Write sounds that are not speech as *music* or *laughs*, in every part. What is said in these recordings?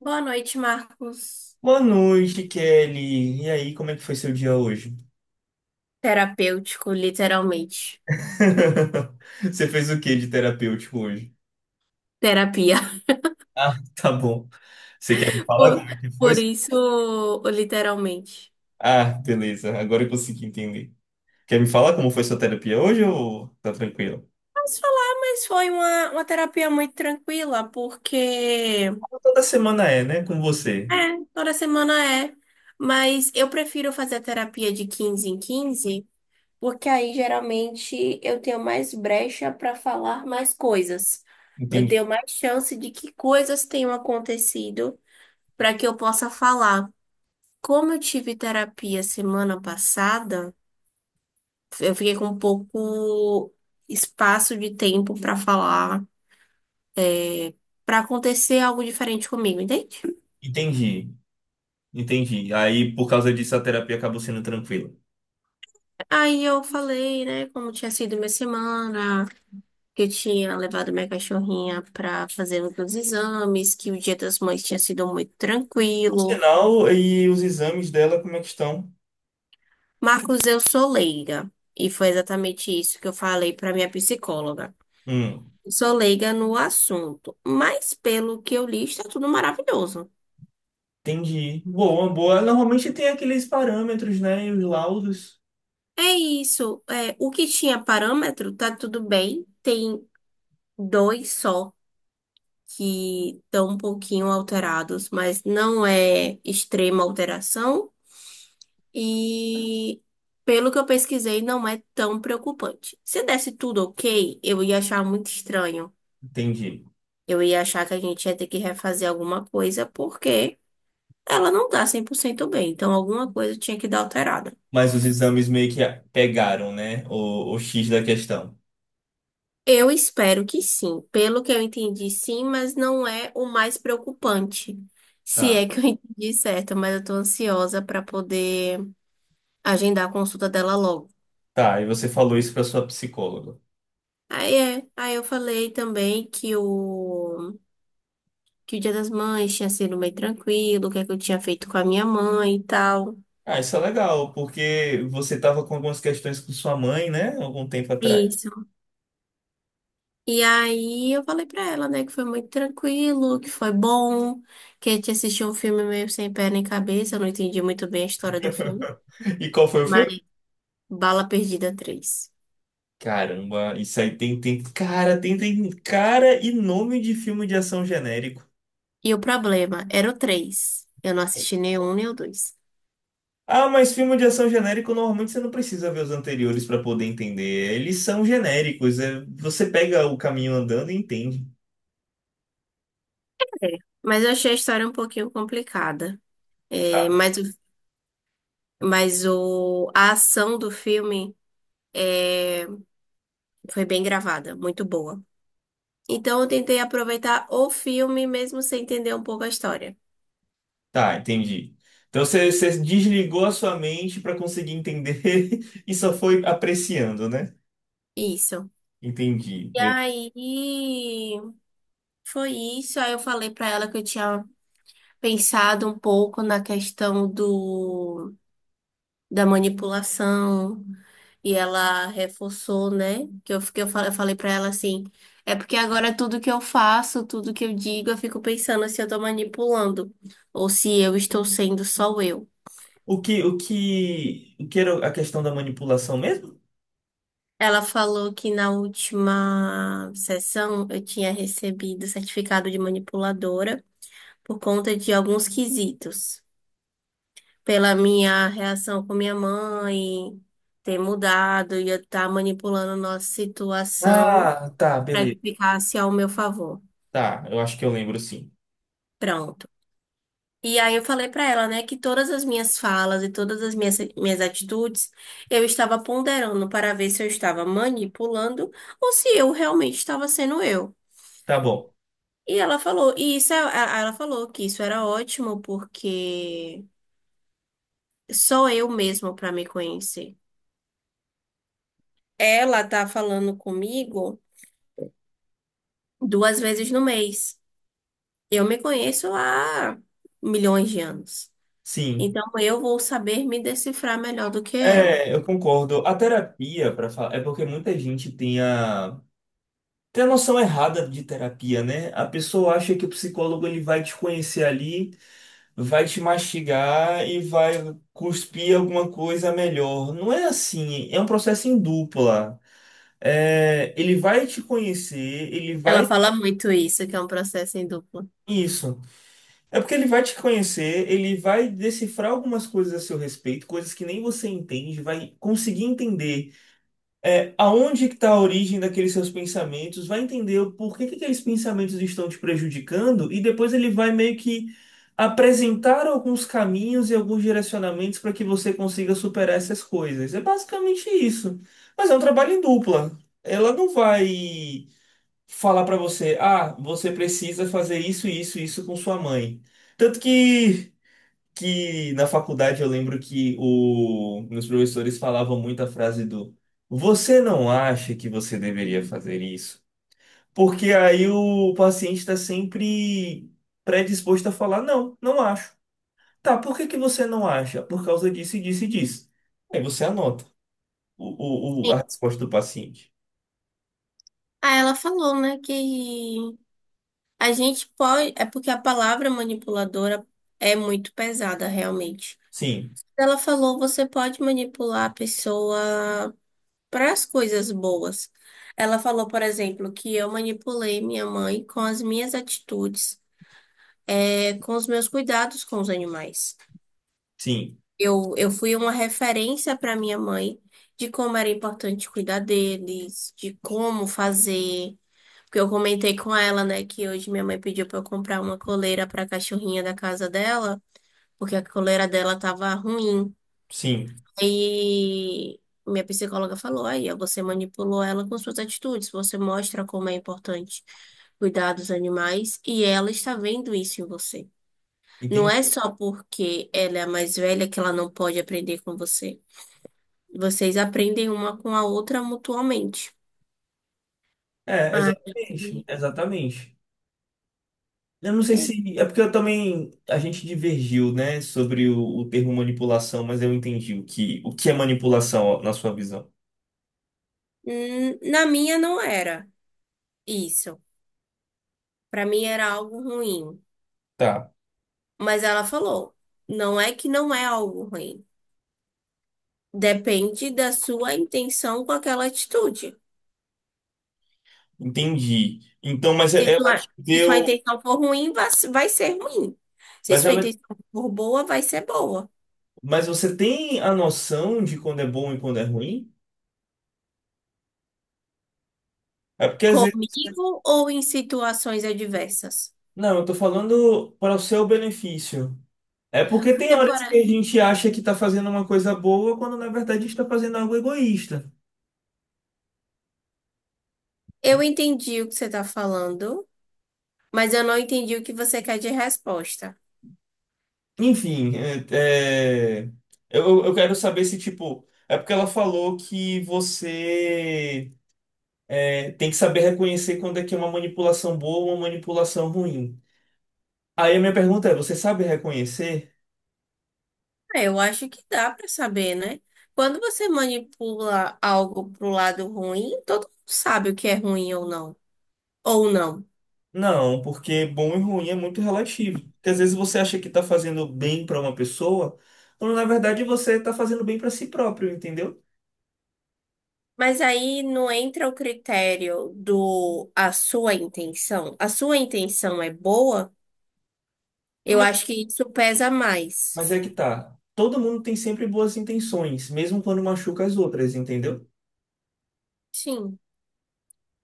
Boa noite, Marcos. Boa noite, Kelly. E aí, como é que foi seu dia hoje? Terapêutico, literalmente. *laughs* Você fez o que de terapêutico hoje? Terapia. Ah, *laughs* tá bom. Você quer me *laughs* falar Por, como é que foi? por isso, literalmente. Ah, beleza. Agora eu consegui entender. Quer me falar como foi sua terapia hoje ou tá tranquilo? Posso falar, mas foi uma terapia muito tranquila, porque Toda semana é, né? Com você. é, toda semana é. Mas eu prefiro fazer a terapia de 15 em 15, porque aí geralmente eu tenho mais brecha para falar mais coisas. Eu Entendi. tenho mais chance de que coisas tenham acontecido para que eu possa falar. Como eu tive terapia semana passada, eu fiquei com pouco espaço de tempo pra falar, pra acontecer algo diferente comigo, entende? Entendi. Entendi. Aí, por causa disso, a terapia acabou sendo tranquila. Aí eu falei, né, como tinha sido minha semana, que eu tinha levado minha cachorrinha pra fazer os meus exames, que o Dia das Mães tinha sido muito Por tranquilo. sinal, e os exames dela, como é que estão? Marcos, eu sou leiga, e foi exatamente isso que eu falei pra minha psicóloga. Hum. Sou leiga no assunto, mas pelo que eu li, está tudo maravilhoso. Entendi. Boa, boa. Normalmente tem aqueles parâmetros, né? E os laudos. É isso. É, o que tinha parâmetro tá tudo bem. Tem dois só que estão um pouquinho alterados, mas não é extrema alteração. E pelo que eu pesquisei, não é tão preocupante. Se desse tudo ok, eu ia achar muito estranho. Entendi. Eu ia achar que a gente ia ter que refazer alguma coisa, porque ela não tá 100% bem. Então, alguma coisa tinha que dar alterada. Mas os exames meio que pegaram, né? O X da questão. Eu espero que sim. Pelo que eu entendi, sim, mas não é o mais preocupante. Se Tá. é que eu *laughs* entendi certo, mas eu tô ansiosa para poder agendar a consulta dela logo. Tá, e você falou isso pra sua psicóloga. Aí eu falei também que o Dia das Mães tinha sido meio tranquilo, o que é que eu tinha feito com a minha mãe e tal. Ah, isso é legal, porque você tava com algumas questões com sua mãe, né? Algum tempo atrás. Isso. E aí eu falei pra ela, né, que foi muito tranquilo, que foi bom, que a gente assistiu um filme meio sem pé nem cabeça, eu não entendi muito bem a história do filme. E qual foi o filme? Bala Perdida três. Caramba, isso aí tem, tem cara e nome de filme de ação genérico. E o problema era o 3. Eu não assisti nem o um nem o dois. Ah, mas filme de ação genérico, normalmente você não precisa ver os anteriores para poder entender. Eles são genéricos. Você pega o caminho andando e entende. É, mas eu achei a história um pouquinho complicada. É, Tá. mas a ação do filme é, foi bem gravada, muito boa. Então eu tentei aproveitar o filme mesmo sem entender um pouco a história. Tá, entendi. Então você desligou a sua mente para conseguir entender *laughs* e só foi apreciando, né? Isso. Entendi. E aí foi isso. Aí eu falei pra ela que eu tinha pensado um pouco na questão do da manipulação. E ela reforçou, né? Eu falei pra ela assim: é porque agora tudo que eu faço, tudo que eu digo, eu fico pensando se eu tô manipulando ou se eu estou sendo só eu. O que era a questão da manipulação mesmo? Ela falou que na última sessão eu tinha recebido certificado de manipuladora por conta de alguns quesitos, pela minha reação com minha mãe ter mudado e eu estar manipulando nossa situação Ah, tá, para que beleza. ficasse ao meu favor. Tá, eu acho que eu lembro sim. Pronto. E aí eu falei pra ela, né, que todas as minhas falas e todas as minhas atitudes eu estava ponderando para ver se eu estava manipulando ou se eu realmente estava sendo eu. Tá bom. E ela falou, ela falou que isso era ótimo porque sou eu mesma para me conhecer. Ela tá falando comigo duas vezes no mês. Eu me conheço há milhões de anos. Sim. Então eu vou saber me decifrar melhor do que ela. É, eu concordo. A terapia, para falar, é porque muita gente tem a Tem a noção errada de terapia, né? A pessoa acha que o psicólogo ele vai te conhecer ali, vai te mastigar e vai cuspir alguma coisa melhor. Não é assim, é um processo em dupla. É, ele vai te conhecer, ele Ela vai. fala muito isso, que é um processo em dupla. Isso. É porque ele vai te conhecer, ele vai decifrar algumas coisas a seu respeito, coisas que nem você entende, vai conseguir entender. É, aonde que está a origem daqueles seus pensamentos, vai entender o porquê que aqueles pensamentos estão te prejudicando e depois ele vai meio que apresentar alguns caminhos e alguns direcionamentos para que você consiga superar essas coisas. É basicamente isso. Mas é um trabalho em dupla. Ela não vai falar para você, ah, você precisa fazer isso, isso, isso com sua mãe. Tanto que na faculdade eu lembro que meus professores falavam muito a frase do Você não acha que você deveria fazer isso? Porque aí o paciente está sempre predisposto a falar, não, não acho. Tá, por que que você não acha? Por causa disso, e disso e disso. Aí você anota o, o, o- Sim. a resposta do paciente. Ah, ela falou, né, que a gente pode. É porque a palavra manipuladora é muito pesada, realmente. Sim, Ela falou, você pode manipular a pessoa para as coisas boas. Ela falou, por exemplo, que eu manipulei minha mãe com as minhas atitudes, é, com os meus cuidados com os animais. sim, Eu fui uma referência para minha mãe de como era importante cuidar deles, de como fazer. Porque eu comentei com ela, né, que hoje minha mãe pediu para eu comprar uma coleira para a cachorrinha da casa dela, porque a coleira dela tava ruim. sim. E minha psicóloga falou: aí, ó, você manipulou ela com suas atitudes, você mostra como é importante cuidar dos animais e ela está vendo isso em você. Não Entendi. é só porque ela é a mais velha que ela não pode aprender com você. Vocês aprendem uma com a outra mutuamente. É, Ah, exatamente, exatamente. Eu não sei é. se. É porque eu também. A gente divergiu, né, sobre o termo manipulação, mas eu entendi o que é manipulação na sua visão. Na minha não era isso. Pra mim era algo ruim. Tá, Mas ela falou, não é que não é algo ruim. Depende da sua intenção com aquela atitude. entendi. Então, mas Se é, ela te sua, se sua deu. intenção for ruim, vai ser ruim. Se Mas sua ela. intenção for boa, vai ser boa. Mas você tem a noção de quando é bom e quando é ruim? É porque às vezes. Comigo ou em situações adversas? Não, eu tô falando para o seu benefício. É porque tem Porque, horas por- que a gente acha que tá fazendo uma coisa boa, quando na verdade está fazendo algo egoísta. eu entendi o que você está falando. Mas eu não entendi o que você quer de resposta. Enfim, eu quero saber se, tipo, é porque ela falou que você é, tem que saber reconhecer quando é que é uma manipulação boa ou uma manipulação ruim. Aí a minha pergunta é, você sabe reconhecer? Ah, eu acho que dá para saber, né? Quando você manipula algo pro lado ruim, todo mundo sabe o que é ruim ou não. Ou não. Não, porque bom e ruim é muito relativo. Porque às vezes você acha que está fazendo bem para uma pessoa, quando na verdade você está fazendo bem para si próprio, entendeu? Mas aí não entra o critério do a sua intenção. A sua intenção é boa? Eu Mas, acho que isso pesa mais. mas é que tá. Todo mundo tem sempre boas intenções, mesmo quando machuca as outras, entendeu? Sim.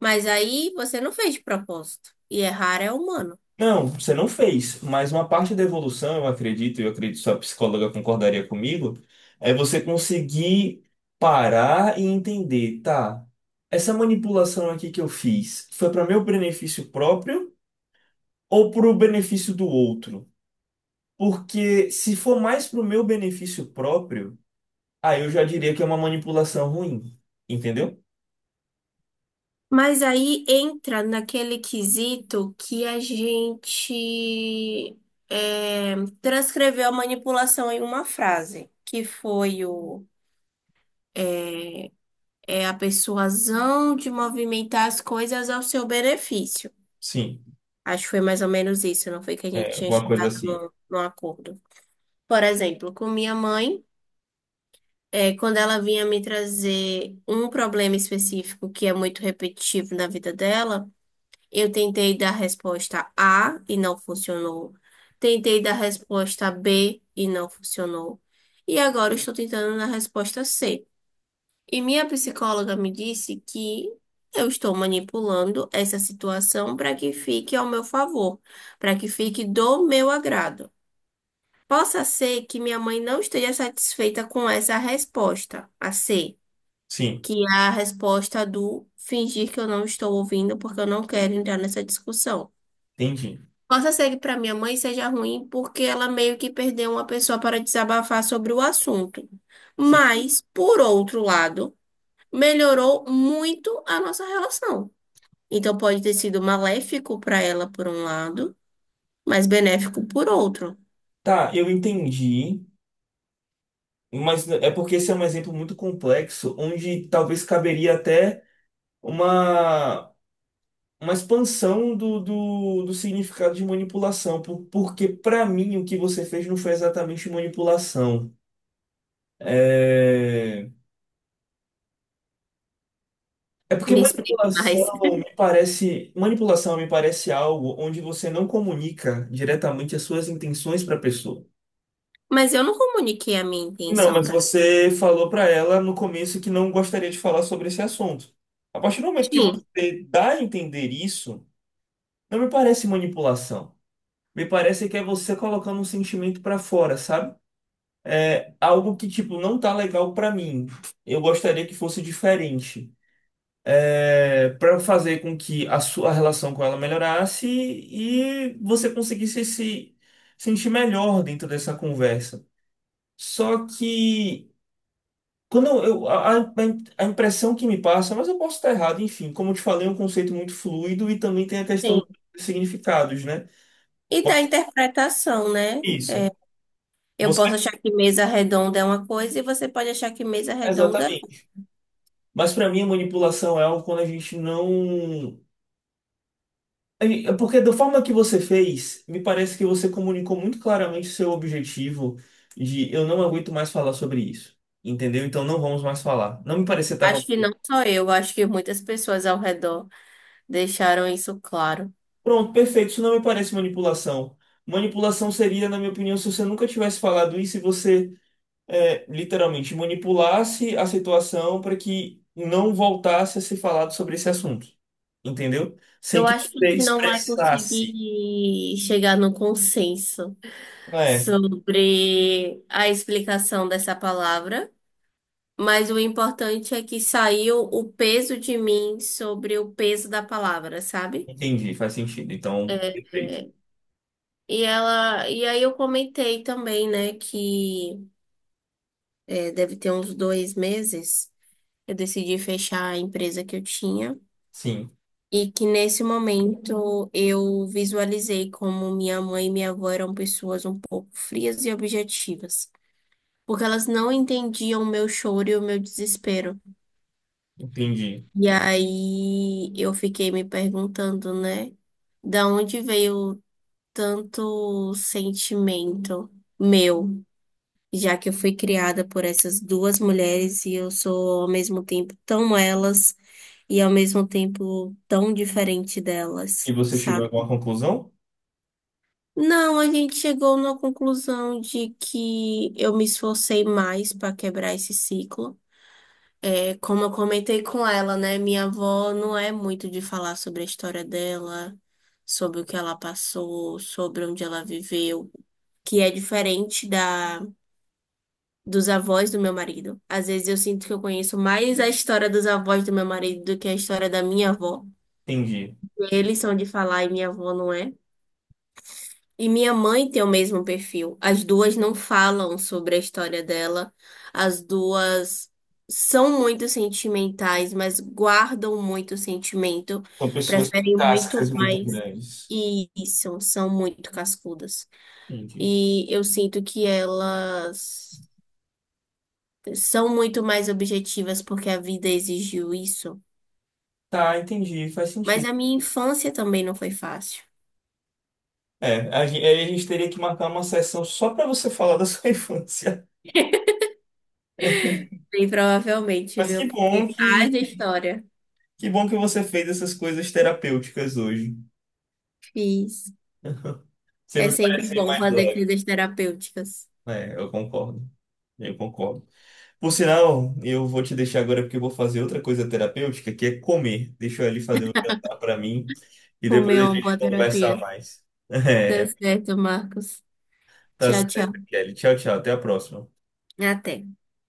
Mas aí você não fez de propósito. E errar é humano. Não, você não fez, mas uma parte da evolução, eu acredito, e eu acredito que sua psicóloga concordaria comigo, é você conseguir parar e entender, tá, essa manipulação aqui que eu fiz foi para meu benefício próprio ou para o benefício do outro? Porque se for mais para o meu benefício próprio, aí eu já diria que é uma manipulação ruim, entendeu? Mas aí entra naquele quesito que a gente é, transcreveu a manipulação em uma frase, que foi eh, é a persuasão de movimentar as coisas ao seu benefício. Sim, Acho que foi mais ou menos isso, não foi que a gente é, tinha alguma coisa chegado assim. num acordo. Por exemplo, com minha mãe, é, quando ela vinha me trazer um problema específico que é muito repetitivo na vida dela. Eu tentei dar resposta A e não funcionou. Tentei dar resposta B e não funcionou. E agora eu estou tentando na resposta C. E minha psicóloga me disse que eu estou manipulando essa situação para que fique ao meu favor, para que fique do meu agrado. Possa ser que minha mãe não esteja satisfeita com essa resposta, a C, Sim, que é a resposta do fingir que eu não estou ouvindo porque eu não quero entrar nessa discussão. entendi. Possa ser que para minha mãe seja ruim, porque ela meio que perdeu uma pessoa para desabafar sobre o assunto. Sim. Mas, por outro lado, melhorou muito a nossa relação. Então, pode ter sido maléfico para ela por um lado, mas benéfico por outro. Tá, eu entendi. Mas é porque esse é um exemplo muito complexo, onde talvez caberia até uma, uma expansão do significado de manipulação, porque para mim o que você fez não foi exatamente manipulação. É, é porque Me explique mais. *laughs* Manipulação me parece algo onde você não comunica diretamente as suas intenções para a pessoa. Mas eu não comuniquei a minha Não, intenção mas para você falou para ela no começo que não gostaria de falar sobre esse assunto. A partir do momento que sim, você dá a entender isso, não me parece manipulação. Me parece que é você colocando um sentimento para fora, sabe? Algo que, tipo, não tá legal para mim. Eu gostaria que fosse diferente. É, para fazer com que a sua relação com ela melhorasse e você conseguisse se sentir melhor dentro dessa conversa. Só que Quando a impressão que me passa, mas eu posso estar errado, enfim, como eu te falei, é um conceito muito fluido e também tem a questão sim. dos significados, né? E da Pode ser interpretação, né? isso. É, eu Você, posso achar que mesa redonda é uma coisa e você pode achar que mesa redonda. exatamente. Mas para mim, a manipulação é algo quando a gente não. É Porque da forma que você fez, me parece que você comunicou muito claramente o seu objetivo de eu não aguento mais falar sobre isso. Entendeu? Então não vamos mais falar. Não me parecia que estava Acho que não só eu, acho que muitas pessoas ao redor deixaram isso claro. Pronto, perfeito. Isso não me parece manipulação. Manipulação seria, na minha opinião, se você nunca tivesse falado isso e você é, literalmente manipulasse a situação para que não voltasse a ser falado sobre esse assunto. Entendeu? Sem Eu que acho que a você gente não vai expressasse. conseguir chegar no consenso É, sobre a explicação dessa palavra. Mas o importante é que saiu o peso de mim sobre o peso da palavra, sabe? entendi, faz sentido. Então, É, perfeito. é, e ela, e aí eu comentei também, né, que é, deve ter uns dois meses, eu decidi fechar a empresa que eu tinha Sim, e que nesse momento eu visualizei como minha mãe e minha avó eram pessoas um pouco frias e objetivas, porque elas não entendiam o meu choro e o meu desespero. entendi. E aí eu fiquei me perguntando, né? Da onde veio tanto sentimento meu, já que eu fui criada por essas duas mulheres e eu sou ao mesmo tempo tão elas e ao mesmo tempo tão diferente E delas, você chegou a sabe? alguma conclusão? Não, a gente chegou na conclusão de que eu me esforcei mais para quebrar esse ciclo. É, como eu comentei com ela, né? Minha avó não é muito de falar sobre a história dela, sobre o que ela passou, sobre onde ela viveu, que é diferente da dos avós do meu marido. Às vezes eu sinto que eu conheço mais a história dos avós do meu marido do que a história da minha avó. Entendi. Eles são de falar e minha avó não é. E minha mãe tem o mesmo perfil. As duas não falam sobre a história dela. As duas são muito sentimentais, mas guardam muito sentimento. São pessoas com Preferem muito cascas muito mais. grandes. E isso, são muito cascudas. Entendi. E eu sinto que elas são muito mais objetivas porque a vida exigiu isso. Tá, entendi, faz Mas sentido. a minha infância também não foi fácil. É, a gente, aí a gente teria que marcar uma sessão só para você falar da sua *laughs* infância. *laughs* Bem, provavelmente, Mas viu? que bom Porque haja história. que bom que você fez essas coisas terapêuticas hoje. Fiz. *laughs* Você É me sempre parece bom mais fazer leve. coisas terapêuticas. É, eu concordo. Eu concordo. Por sinal, eu vou te deixar agora porque eu vou fazer outra coisa terapêutica, que é comer. Deixa eu ali fazer um jantar para mim e depois Comer a uma boa gente conversa terapia. mais. *laughs* Tá É, certo, Marcos. tá Tchau, tchau. certo, Kelly. Tchau, tchau. Até a próxima. Até.